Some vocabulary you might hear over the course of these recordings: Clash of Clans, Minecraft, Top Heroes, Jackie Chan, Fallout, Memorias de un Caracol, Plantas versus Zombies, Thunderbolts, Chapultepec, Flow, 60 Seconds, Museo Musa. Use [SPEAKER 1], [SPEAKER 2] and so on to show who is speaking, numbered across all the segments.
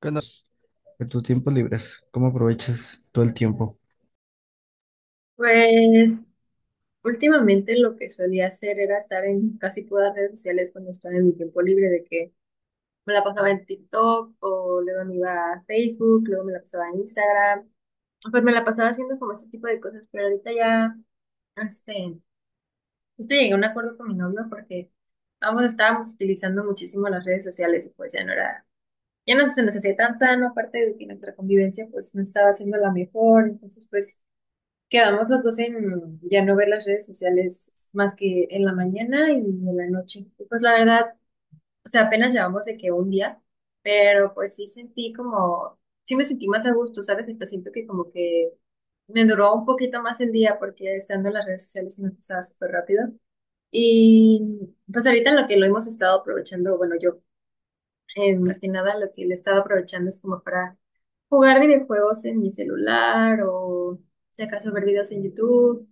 [SPEAKER 1] ¿Qué andas? De tus tiempos libres, ¿cómo aprovechas todo el tiempo?
[SPEAKER 2] Pues últimamente lo que solía hacer era estar en casi todas las redes sociales cuando estaba en mi tiempo libre, de que me la pasaba en TikTok o luego me iba a Facebook, luego me la pasaba en Instagram, pues me la pasaba haciendo como ese tipo de cosas, pero ahorita ya, este, justo llegué a un acuerdo con mi novio porque ambos estábamos utilizando muchísimo las redes sociales y pues ya no era, ya no se nos hacía tan sano, aparte de que nuestra convivencia pues no estaba siendo la mejor, entonces pues... Quedamos los dos en ya no ver las redes sociales más que en la mañana y en la noche. Y pues la verdad, o sea, apenas llevamos de que un día, pero pues sí sentí como, sí me sentí más a gusto, ¿sabes? Hasta siento que como que me duró un poquito más el día porque estando en las redes sociales se me pasaba súper rápido. Y pues ahorita lo que lo hemos estado aprovechando, bueno, yo más que nada lo que le estaba aprovechando es como para jugar videojuegos en mi celular o si acaso ver videos en YouTube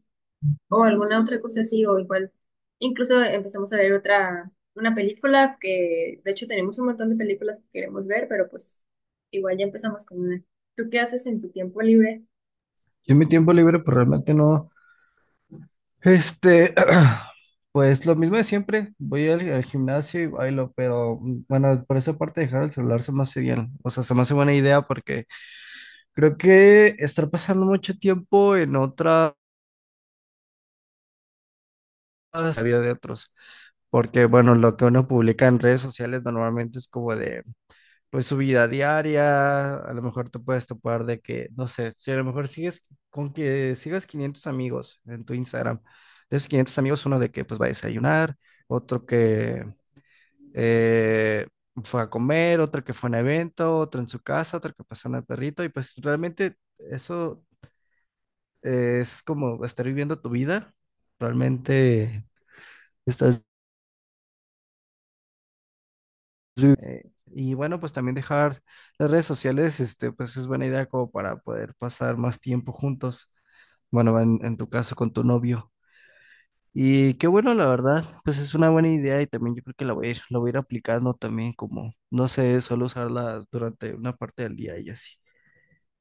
[SPEAKER 2] o alguna otra cosa así, o igual, incluso empezamos a ver otra, una película que, de hecho, tenemos un montón de películas que queremos ver, pero pues igual ya empezamos con una. ¿Tú qué haces en tu tiempo libre?
[SPEAKER 1] Yo en mi tiempo libre, pues realmente no. Este, pues lo mismo de siempre. Voy al gimnasio y bailo, pero mm, bueno, por esa parte dejar el celular se me hace bien. O sea, se me hace buena idea porque creo que estar pasando mucho tiempo en otras la vida de otros. Porque bueno, lo que uno publica en redes sociales normalmente es como de pues su vida diaria, a lo mejor te puedes topar de que, no sé, si a lo mejor sigues con que sigas 500 amigos en tu Instagram, de esos 500 amigos, uno de que pues va a desayunar, otro que eh, fue a comer, otro que fue a un evento, otro en su casa, otro que pasó en el perrito, y pues realmente eso es como estar viviendo tu vida, realmente estás... Y bueno, pues también dejar las redes sociales, este, pues es buena idea como para poder pasar más tiempo juntos. Bueno, en tu caso con tu novio. Y qué bueno, la verdad, pues es una buena idea y también yo creo que la voy a ir aplicando también como, no sé, solo usarla durante una parte del día y así.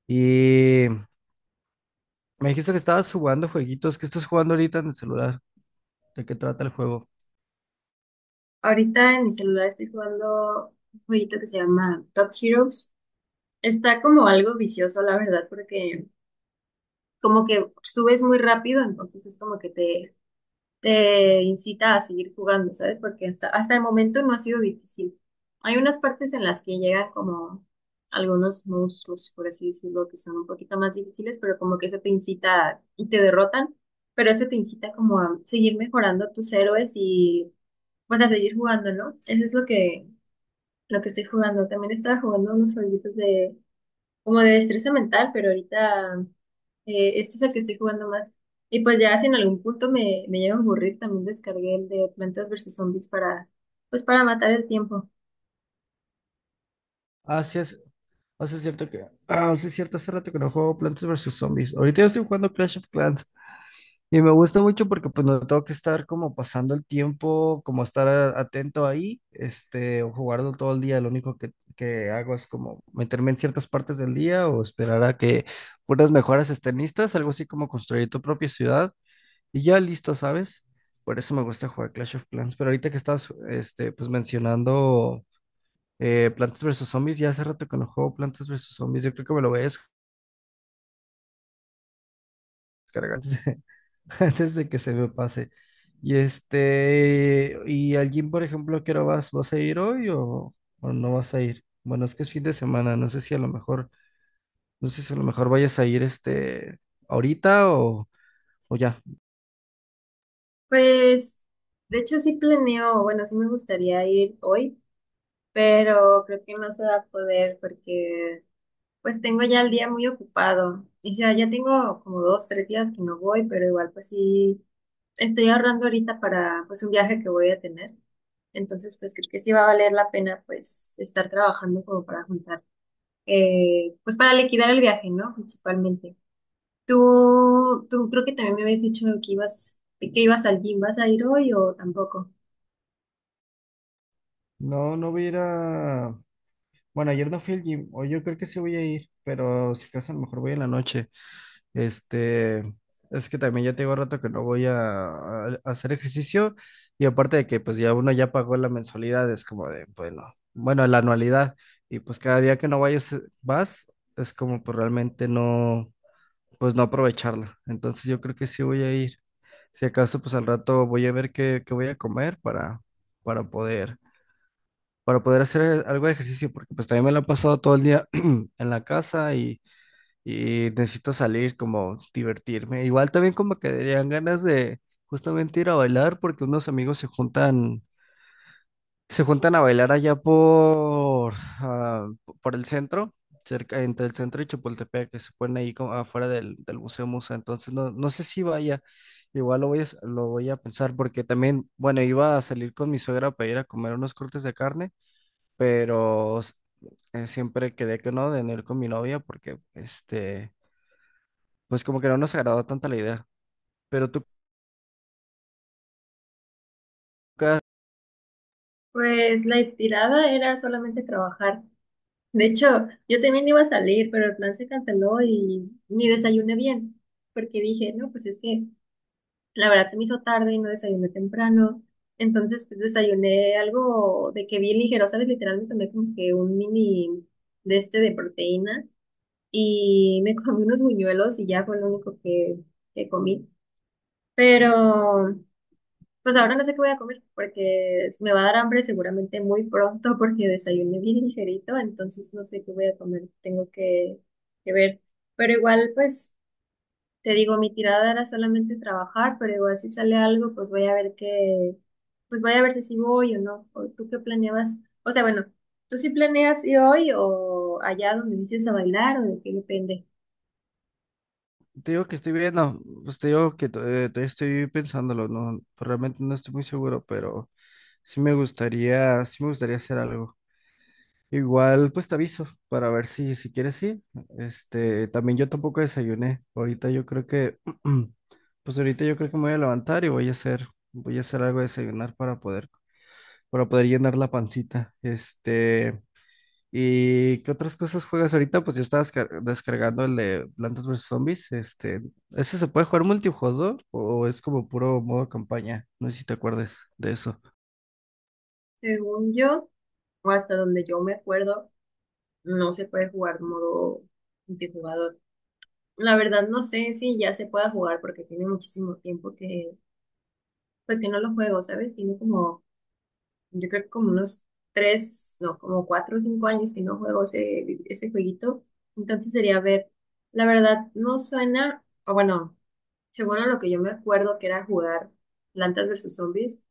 [SPEAKER 1] Y me dijiste que estabas jugando jueguitos, ¿qué estás jugando ahorita en el celular? ¿De qué trata el juego?
[SPEAKER 2] Ahorita en mi celular estoy jugando un jueguito que se llama Top Heroes. Está como algo vicioso, la verdad, porque como que subes muy rápido, entonces es como que te incita a seguir jugando, ¿sabes? Porque hasta el momento no ha sido difícil. Hay unas partes en las que llegan como algunos monstruos, por así decirlo, que son un poquito más difíciles, pero como que eso te incita y te derrotan, pero eso te incita como a seguir mejorando tus héroes y pues a seguir jugando, ¿no? Eso es lo que estoy jugando. También estaba jugando unos jueguitos de como de destreza mental, pero ahorita este es el que estoy jugando más. Y pues ya si en algún punto me llega a aburrir, también descargué el de Plantas versus Zombies para, pues para matar el tiempo.
[SPEAKER 1] Ah, sí es, ah, sí es cierto que, ah, sí es cierto, hace rato que no juego Plantas versus Zombies. Ahorita yo estoy jugando Clash of Clans. Y me gusta mucho porque pues no tengo que estar como pasando el tiempo, como estar atento ahí, este, o jugarlo todo el día. Lo único que hago es como meterme en ciertas partes del día o esperar a que unas mejoras estén listas, algo así como construir tu propia ciudad y ya listo, ¿sabes? Por eso me gusta jugar Clash of Clans. Pero ahorita que estás, este, pues mencionando Plantas versus Zombies, ya hace rato que no juego Plantas versus Zombies, yo creo que me lo voy a descargar. Antes de que se me pase. Y al gym, por ejemplo, ¿a qué hora vas? ¿Vas a ir hoy o no vas a ir? Bueno, es que es fin de semana, no sé si a lo mejor, no sé si a lo mejor vayas a ir ahorita o ya.
[SPEAKER 2] Pues, de hecho sí planeo, bueno, sí me gustaría ir hoy, pero creo que no se va a poder porque pues tengo ya el día muy ocupado. Y sea, ya tengo como dos, tres días que no voy, pero igual pues sí estoy ahorrando ahorita para pues un viaje que voy a tener. Entonces, pues creo que sí va a valer la pena pues estar trabajando como para juntar pues para liquidar el viaje, ¿no? Principalmente. Tú creo que también me habías dicho que ibas al gym, ¿vas a ir hoy o tampoco?
[SPEAKER 1] No, no voy a ir bueno, ayer no fui al gym, o yo creo que sí voy a ir, pero si acaso a lo mejor voy en la noche. Este, es que también ya tengo rato que no voy a hacer ejercicio y aparte de que pues ya uno ya pagó la mensualidad, es como de, bueno, bueno, la anualidad y pues cada día que no vayas, vas, es como pues realmente no, pues no aprovecharla. Entonces yo creo que sí voy a ir. Si acaso pues al rato voy a ver qué voy a comer para poder, para poder hacer algo de ejercicio porque pues también me lo he pasado todo el día en la casa y necesito salir, como divertirme. Igual también como que darían ganas de justamente ir a bailar porque unos amigos se juntan a bailar allá ah, por el centro, cerca entre el centro y Chapultepec, que se ponen ahí como afuera del Museo Musa. Entonces no, no sé si vaya. Igual lo voy a pensar porque también, bueno, iba a salir con mi suegra para ir a comer unos cortes de carne, pero siempre quedé que no, de no ir con mi novia porque pues como que no nos agradó tanto la idea. Pero tú, ca-
[SPEAKER 2] Pues la tirada era solamente trabajar. De hecho, yo también iba a salir, pero el plan se canceló y ni desayuné bien, porque dije, no, pues es que la verdad se me hizo tarde y no desayuné temprano. Entonces, pues desayuné algo de que bien ligero, ¿sabes? Literal me tomé como que un mini de este de proteína. Y me comí unos buñuelos y ya fue lo único que comí. Pero pues ahora no sé qué voy a comer porque me va a dar hambre seguramente muy pronto porque desayuné bien ligerito, entonces no sé qué voy a comer, tengo que ver. Pero igual pues te digo, mi tirada era solamente trabajar, pero igual si sale algo pues voy a ver qué, pues voy a ver si sí voy o no. ¿O ¿Tú qué planeabas? O sea, bueno, ¿tú sí planeas ir hoy o allá donde dices a bailar o de qué depende?
[SPEAKER 1] Te digo que estoy viendo, pues te digo que todavía estoy pensándolo, no, pues realmente no estoy muy seguro, pero sí me gustaría hacer algo. Igual, pues te aviso para ver si quieres ir. Este, también yo tampoco desayuné. Ahorita yo creo que, pues ahorita yo creo que me voy a levantar y voy a hacer algo de desayunar para poder llenar la pancita. Este. ¿Y qué otras cosas juegas ahorita? Pues yo estaba descargando el de Plantas vs Zombies. Este, ¿ese se puede jugar multijugador o es como puro modo campaña? No sé si te acuerdes de eso.
[SPEAKER 2] Según yo. O hasta donde yo me acuerdo, no se puede jugar modo multijugador. La verdad no sé si ya se pueda jugar porque tiene muchísimo tiempo que, pues que no lo juego, ¿sabes? Tiene como, yo creo que como unos tres, no, como 4 o 5 años que no juego ese, ese jueguito. Entonces sería ver, la verdad no suena, o bueno, según a lo que yo me acuerdo que era jugar Plantas versus Zombies,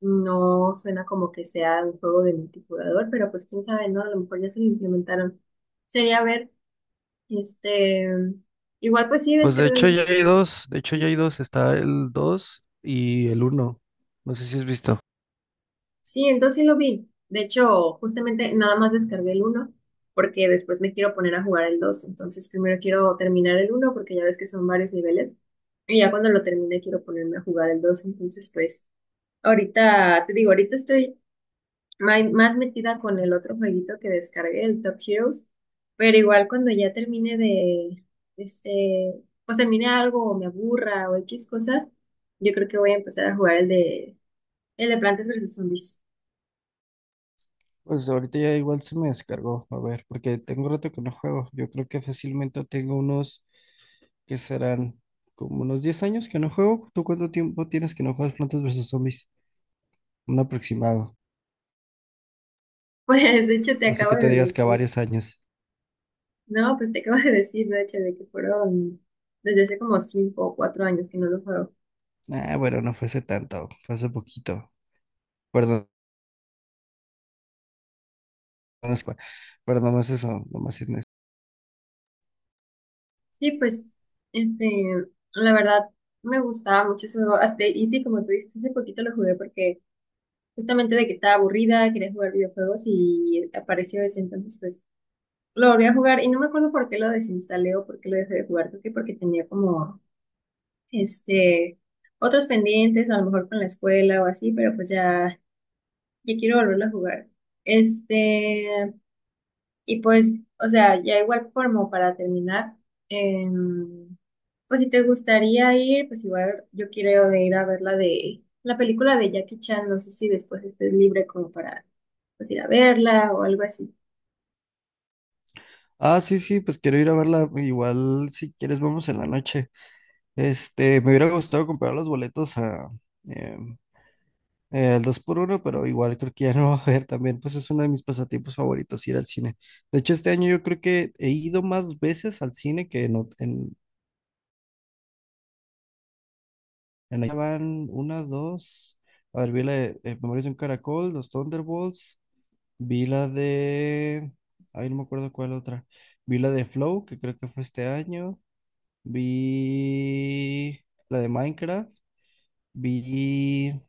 [SPEAKER 2] no suena como que sea un juego de multijugador, pero pues quién sabe, ¿no? A lo mejor ya se lo implementaron. Sería ver, este, igual pues sí,
[SPEAKER 1] Pues de hecho
[SPEAKER 2] descárgalo.
[SPEAKER 1] ya hay dos, está el 2 y el uno. No sé si has visto.
[SPEAKER 2] Sí, entonces sí lo vi. De hecho, justamente nada más descargué el uno porque después me quiero poner a jugar el dos. Entonces primero quiero terminar el uno porque ya ves que son varios niveles. Y ya cuando lo termine quiero ponerme a jugar el dos. Entonces pues ahorita, te digo, ahorita estoy más metida con el otro jueguito que descargué, el Top Heroes, pero igual cuando ya termine de, este, pues termine algo o me aburra o X cosa, yo creo que voy a empezar a jugar el de Plantas versus Zombies.
[SPEAKER 1] Pues ahorita ya igual se me descargó, a ver, porque tengo rato que no juego. Yo creo que fácilmente tengo unos que serán como unos 10 años que no juego. ¿Tú cuánto tiempo tienes que no juegas Plantas vs Zombies? Un aproximado.
[SPEAKER 2] Pues de hecho te
[SPEAKER 1] Así
[SPEAKER 2] acabo
[SPEAKER 1] que te
[SPEAKER 2] de
[SPEAKER 1] digas que a
[SPEAKER 2] decir,
[SPEAKER 1] varios años.
[SPEAKER 2] no, pues te acabo de decir, de hecho, de que fueron desde hace como 5 o 4 años que no lo juego.
[SPEAKER 1] Ah, bueno, no fue hace tanto, fue hace poquito. Perdón, no es- pero nomás eso, nomás es eso.
[SPEAKER 2] Sí, pues, este, la verdad me gustaba mucho eso, hasta, y sí, como tú dices, hace poquito lo jugué porque justamente de que estaba aburrida, quería jugar videojuegos y apareció ese, entonces pues lo volví a jugar y no me acuerdo por qué lo desinstalé o por qué lo dejé de jugar, creo que porque tenía como este otros pendientes, a lo mejor con la escuela o así, pero pues ya, ya quiero volverlo a jugar. Este, y pues, o sea, ya igual como para terminar, em, pues si te gustaría ir, pues igual yo quiero ir a ver la de la película de Jackie Chan, no sé si después estés libre como para pues ir a verla o algo así.
[SPEAKER 1] Ah, sí, sí, pues quiero ir a verla. Igual, si quieres, vamos en la noche. Este, me hubiera gustado comprar los boletos a em, el 2x1, pero igual creo que ya no va a haber también. Pues es uno de mis pasatiempos favoritos, ir al cine. De hecho, este año yo creo que he ido más veces al cine que en, van una, dos. A ver, vi la de Memorias de un Caracol, los Thunderbolts. Vi la de... Ay, no me acuerdo cuál otra. Vi la de Flow, que creo que fue este año. Vi la de Minecraft. Vi...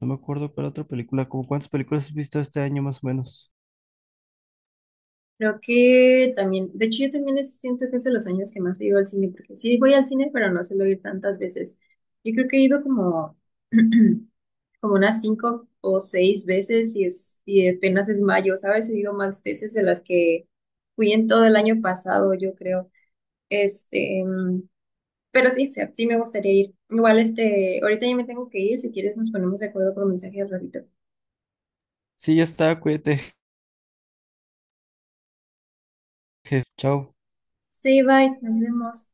[SPEAKER 1] No me acuerdo cuál otra película. ¿Cómo cuántas películas has visto este año más o menos?
[SPEAKER 2] Creo que también, de hecho yo también siento que es de los años que más he ido al cine, porque sí voy al cine, pero no suelo ir tantas veces. Yo creo que he ido como, como unas 5 o 6 veces y es, y apenas es mayo, ¿sabes? He ido más veces de las que fui en todo el año pasado, yo creo. Este, mm, Pero sí, Seb, sí me gustaría ir. Igual, ahorita ya me tengo que ir. Si quieres, nos ponemos de acuerdo por mensaje al ratito.
[SPEAKER 1] Sí, ya está, cuídate. Chao.
[SPEAKER 2] Sí, bye, nos vemos.